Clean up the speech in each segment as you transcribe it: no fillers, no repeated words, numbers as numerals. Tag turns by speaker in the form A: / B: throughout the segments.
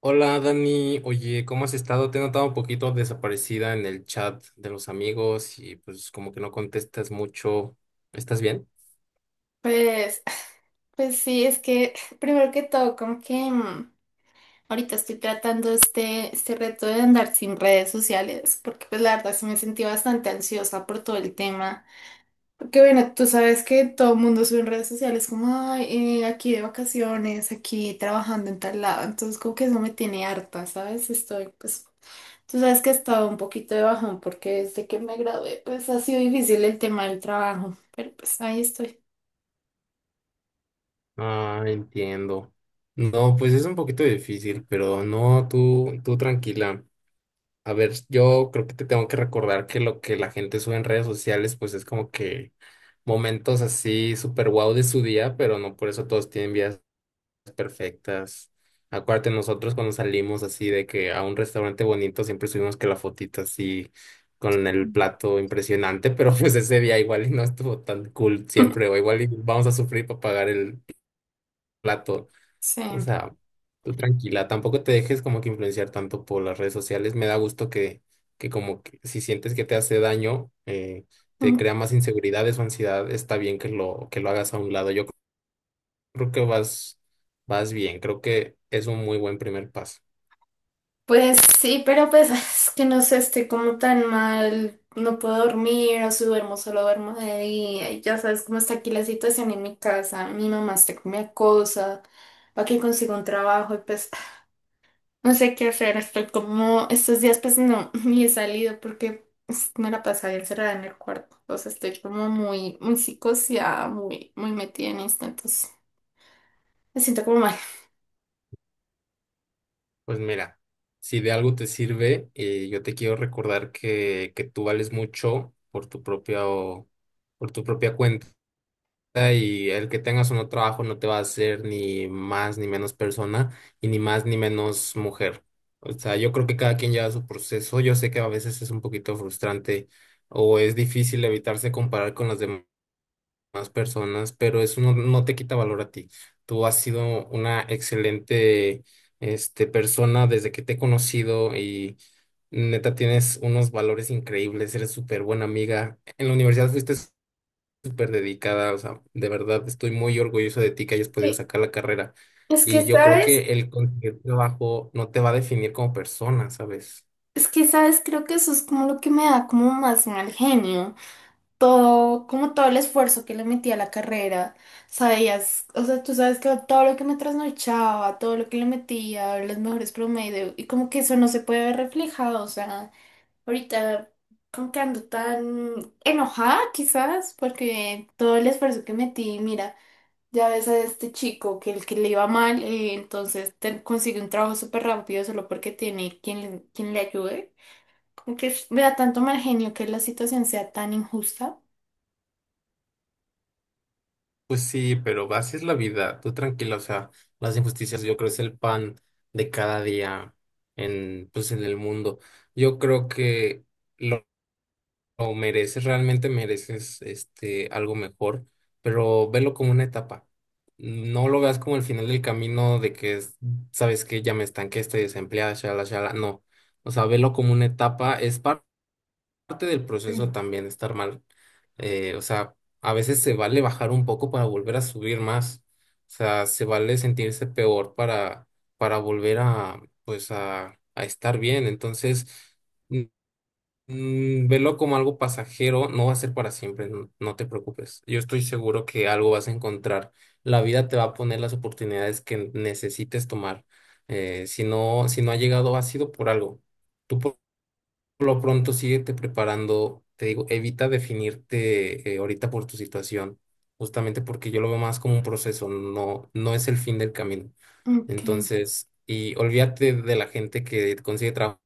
A: Hola Dani, oye, ¿cómo has estado? Te he notado un poquito desaparecida en el chat de los amigos y pues como que no contestas mucho. ¿Estás bien?
B: Pues, pues sí, es que primero que todo, ahorita estoy tratando este reto de andar sin redes sociales, porque pues la verdad sí me sentí bastante ansiosa por todo el tema. Porque bueno, tú sabes que todo el mundo sube en redes sociales como, "Ay, aquí de vacaciones, aquí trabajando en tal lado, entonces como que eso me tiene harta, ¿sabes?" Estoy pues... Tú sabes que he estado un poquito de bajón porque desde que me gradué pues ha sido difícil el tema del trabajo, pero pues ahí estoy.
A: Ah, entiendo. No, pues es un poquito difícil, pero no, tú tranquila. A ver, yo creo que te tengo que recordar que lo que la gente sube en redes sociales, pues es como que momentos así súper guau de su día, pero no por eso todos tienen vidas perfectas. Acuérdate, nosotros cuando salimos así de que a un restaurante bonito siempre subimos que la fotita así con el plato impresionante, pero pues ese día igual y no estuvo tan cool siempre, o igual y vamos a sufrir para pagar el plato.
B: Sí.
A: O sea, tú tranquila, tampoco te dejes como que influenciar tanto por las redes sociales. Me da gusto que como que si sientes que te hace daño, te
B: Mm,
A: crea más inseguridades o ansiedad, está bien que lo hagas a un lado. Yo creo que vas bien, creo que es un muy buen primer paso.
B: pues sí, pero pues es que no sé, estoy como tan mal, no puedo dormir, o si duermo, solo duermo de día, y ya sabes cómo está aquí la situación en mi casa, mi mamá está con mi acosa, para que consiga un trabajo, y pues no sé qué hacer, estoy como, estos días pues no, ni he salido porque pues, me la pasaba encerrada en el cuarto, o sea, estoy como muy psicoseada, muy metida en esto, entonces me siento como mal.
A: Pues mira, si de algo te sirve, yo te quiero recordar que tú vales mucho por tu propia cuenta y el que tengas o no trabajo no te va a hacer ni más ni menos persona y ni más ni menos mujer. O sea, yo creo que cada quien lleva su proceso. Yo sé que a veces es un poquito frustrante o es difícil evitarse comparar con las demás más personas, pero eso no, no te quita valor a ti. Tú has sido una excelente persona desde que te he conocido y neta tienes unos valores increíbles, eres súper buena amiga. En la universidad fuiste súper dedicada, o sea, de verdad estoy muy orgulloso de ti que hayas podido
B: Y
A: sacar la carrera.
B: Es que,
A: Y yo creo
B: ¿sabes?
A: que el conseguir trabajo no te va a definir como persona, ¿sabes?
B: Es que, ¿sabes? Creo que eso es como lo que me da como más mal genio. Todo, como todo el esfuerzo que le metí a la carrera. Sabías, o sea, tú sabes que todo lo que me trasnochaba, todo lo que le metía, los mejores promedios, y como que eso no se puede ver reflejado. O sea, ahorita como que ando tan enojada quizás, porque todo el esfuerzo que metí, mira, ya ves a este chico que el que le iba mal, entonces consigue un trabajo súper rápido solo porque tiene quien, quien le ayude. Que vea tanto mal genio que la situación sea tan injusta.
A: Pues sí, pero así es la vida, tú tranquila, o sea, las injusticias yo creo es el pan de cada día en, pues en el mundo. Yo creo que lo, lo mereces, realmente mereces este algo mejor, pero velo como una etapa. No lo veas como el final del camino de que es, sabes que ya me estanqué, estoy desempleada, shala, shala, no. O sea, velo como una etapa, es parte del proceso
B: Sí.
A: también estar mal. O sea, a veces se vale bajar un poco para volver a subir más. O sea, se vale sentirse peor para volver a estar bien. Entonces, mm, velo como algo pasajero, no va a ser para siempre, no, no te preocupes. Yo estoy seguro que algo vas a encontrar. La vida te va a poner las oportunidades que necesites tomar. Si no, si no, ha llegado, ha sido por algo. Tú por lo pronto, síguete preparando. Te digo, evita definirte ahorita por tu situación, justamente porque yo lo veo más como un proceso, no, no es el fin del camino.
B: Ok,
A: Entonces, y olvídate de la gente que consigue trabajo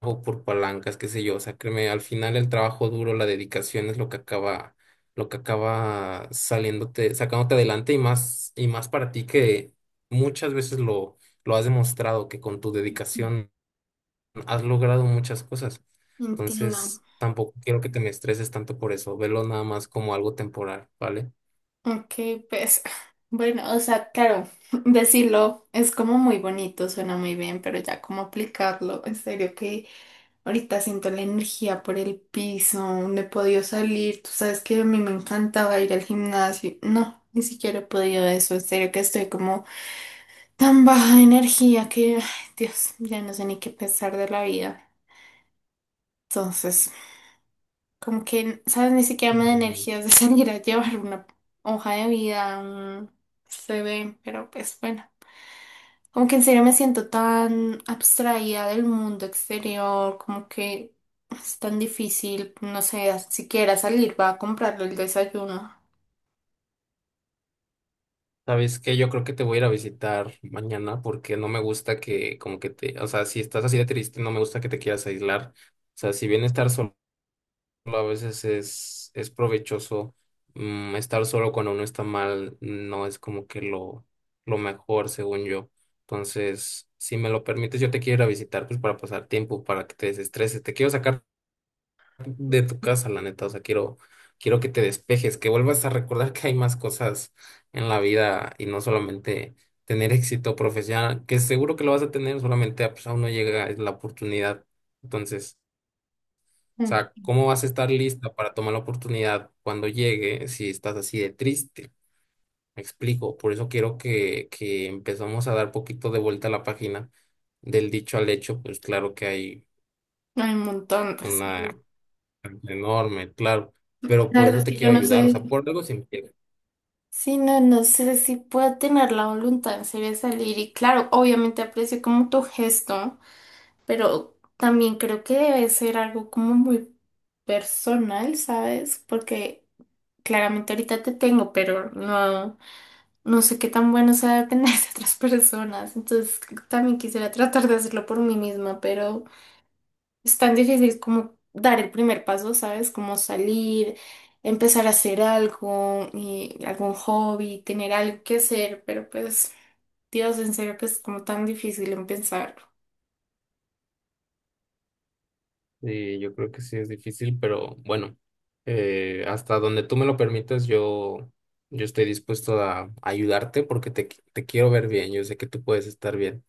A: por palancas, qué sé yo. O sea, créeme, al final el trabajo duro, la dedicación es lo que acaba saliéndote, sacándote adelante y más para ti que muchas veces lo has demostrado que con tu dedicación has logrado muchas cosas.
B: entiendo.
A: Entonces, tampoco quiero que te me estreses tanto por eso. Velo nada más como algo temporal, ¿vale?
B: Ok, pues bueno, o sea, claro, decirlo es como muy bonito, suena muy bien, pero ya cómo aplicarlo, en serio que ahorita siento la energía por el piso, no he podido salir, tú sabes que a mí me encantaba ir al gimnasio, no, ni siquiera he podido eso, en serio que estoy como tan baja de energía que, ay, Dios, ya no sé ni qué pensar de la vida. Entonces... Como que, ¿sabes? Ni siquiera me da
A: Ujú.
B: energías de salir a llevar una hoja de vida, un CV, pero pues bueno. Como que en serio me siento tan abstraída del mundo exterior, como que es tan difícil, no sé, siquiera salir va a comprarle el desayuno.
A: ¿Sabes qué? Yo creo que te voy a ir a visitar mañana porque no me gusta que, como que te, o sea, si estás así de triste, no me gusta que te quieras aislar. O sea, si bien estar solo a veces es provechoso, estar solo cuando uno está mal, no es como que lo mejor, según yo. Entonces, si me lo permites, yo te quiero ir a visitar, pues para pasar tiempo, para que te desestreses. Te quiero sacar de tu casa, la neta. O sea, quiero que te despejes, que vuelvas a recordar que hay más cosas en la vida y no solamente tener éxito profesional, que seguro que lo vas a tener, solamente ah, pues, aún no llega la oportunidad. Entonces. O
B: Mm,
A: sea, ¿cómo vas a estar lista para tomar la oportunidad cuando llegue si estás así de triste? Me explico. Por eso quiero que empezamos a dar poquito de vuelta a la página del dicho al hecho. Pues claro que hay
B: hay un montón. Sí.
A: una enorme, claro. Pero
B: La
A: por
B: verdad
A: eso
B: es
A: te
B: que yo
A: quiero
B: no
A: ayudar. O sea,
B: sé.
A: por algo se empieza.
B: Sí, no, no sé si puedo tener la voluntad en serio de salir. Y claro, obviamente aprecio como tu gesto. Pero también creo que debe ser algo como muy personal, ¿sabes? Porque claramente ahorita te tengo, pero no, no sé qué tan bueno sea tener a otras personas. Entonces también quisiera tratar de hacerlo por mí misma, pero es tan difícil como dar el primer paso, ¿sabes? Como salir, empezar a hacer algo, y algún hobby, tener algo que hacer, pero pues, Dios, en serio que es como tan difícil en pensarlo.
A: Sí, yo creo que sí es difícil, pero bueno, hasta donde tú me lo permitas, yo estoy dispuesto a ayudarte porque te quiero ver bien. Yo sé que tú puedes estar bien.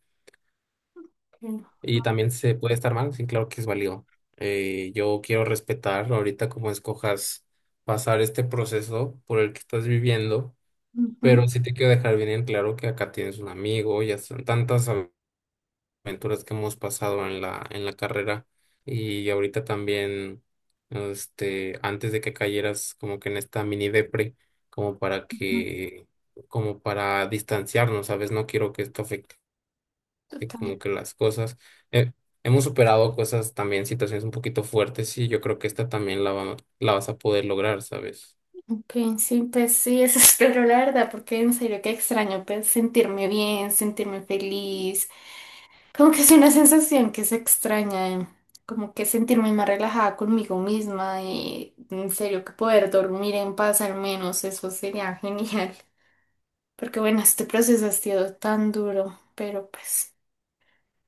A: Y también se puede estar mal, sí, claro que es válido. Yo quiero respetar ahorita como escojas pasar este proceso por el que estás viviendo,
B: Ujú.
A: pero sí te quiero dejar bien en claro que acá tienes un amigo, ya son tantas aventuras que hemos pasado en en la carrera y ahorita también, antes de que cayeras como que en esta mini depre, como para
B: Ujú,
A: que, como para distanciarnos, ¿sabes? No quiero que esto afecte que como
B: total.
A: que las cosas, eh, hemos superado cosas también, situaciones un poquito fuertes y yo creo que esta también la vas a poder lograr, ¿sabes?
B: Ok, sí, pues sí, eso espero la verdad, porque en serio que extraño pues sentirme bien, sentirme feliz, como que es una sensación que se extraña, como que sentirme más relajada conmigo misma y en serio que poder dormir en paz al menos, eso sería genial, porque bueno, este proceso ha sido tan duro, pero pues...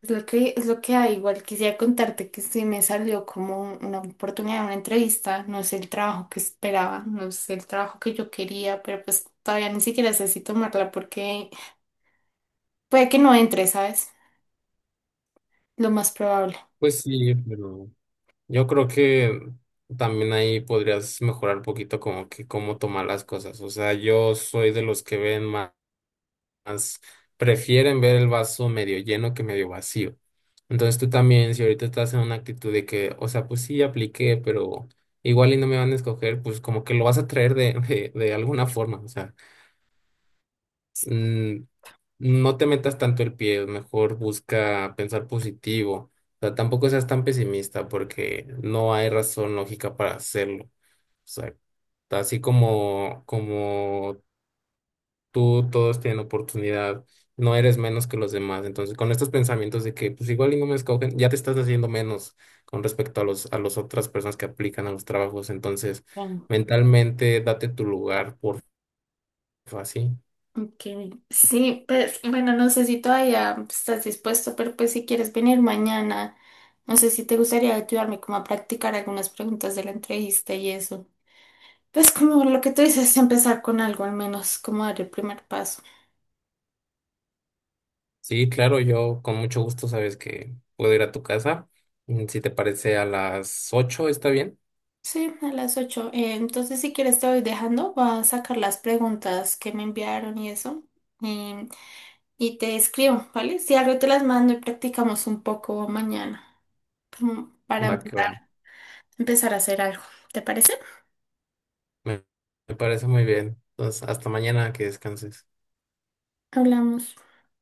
B: Es lo que hay. Igual quisiera contarte que sí me salió como una oportunidad, una entrevista. No es el trabajo que esperaba, no es el trabajo que yo quería, pero pues todavía ni siquiera sé si tomarla porque puede que no entre, ¿sabes? Lo más probable.
A: Pues sí, pero yo creo que también ahí podrías mejorar un poquito como que cómo tomar las cosas. O sea, yo soy de los que ven más, prefieren ver el vaso medio lleno que medio vacío. Entonces tú también, si ahorita estás en una actitud de que, o sea, pues sí, apliqué, pero igual y no me van a escoger, pues como que lo vas a traer de alguna forma, o sea. mm, no te metas tanto el pie, mejor busca pensar positivo. O sea, tampoco seas tan pesimista porque no hay razón lógica para hacerlo. O sea, así como, como tú, todos tienen oportunidad, no eres menos que los demás. Entonces, con estos pensamientos de que pues igual y no me escogen, ya te estás haciendo menos con respecto a a las otras personas que aplican a los trabajos. Entonces,
B: Mm.
A: mentalmente date tu lugar, porfa, sí.
B: Ok, sí, pues bueno, no sé si todavía estás dispuesto, pero pues si quieres venir mañana, no sé si te gustaría ayudarme como a practicar algunas preguntas de la entrevista y eso. Pues como lo que tú dices, empezar con algo al menos, como dar el primer paso.
A: Sí, claro, yo con mucho gusto sabes que puedo ir a tu casa. Si te parece a las 8, ¿está bien?
B: Sí, a las 8. Entonces, si quieres, te voy dejando. Voy a sacar las preguntas que me enviaron y eso. em, y te escribo, ¿vale? Si algo te las mando y practicamos un poco mañana, como para
A: Va que va.
B: empezar, empezar a hacer algo. ¿Te parece?
A: Me, me parece muy bien. Entonces, hasta mañana, que descanses.
B: Hablamos.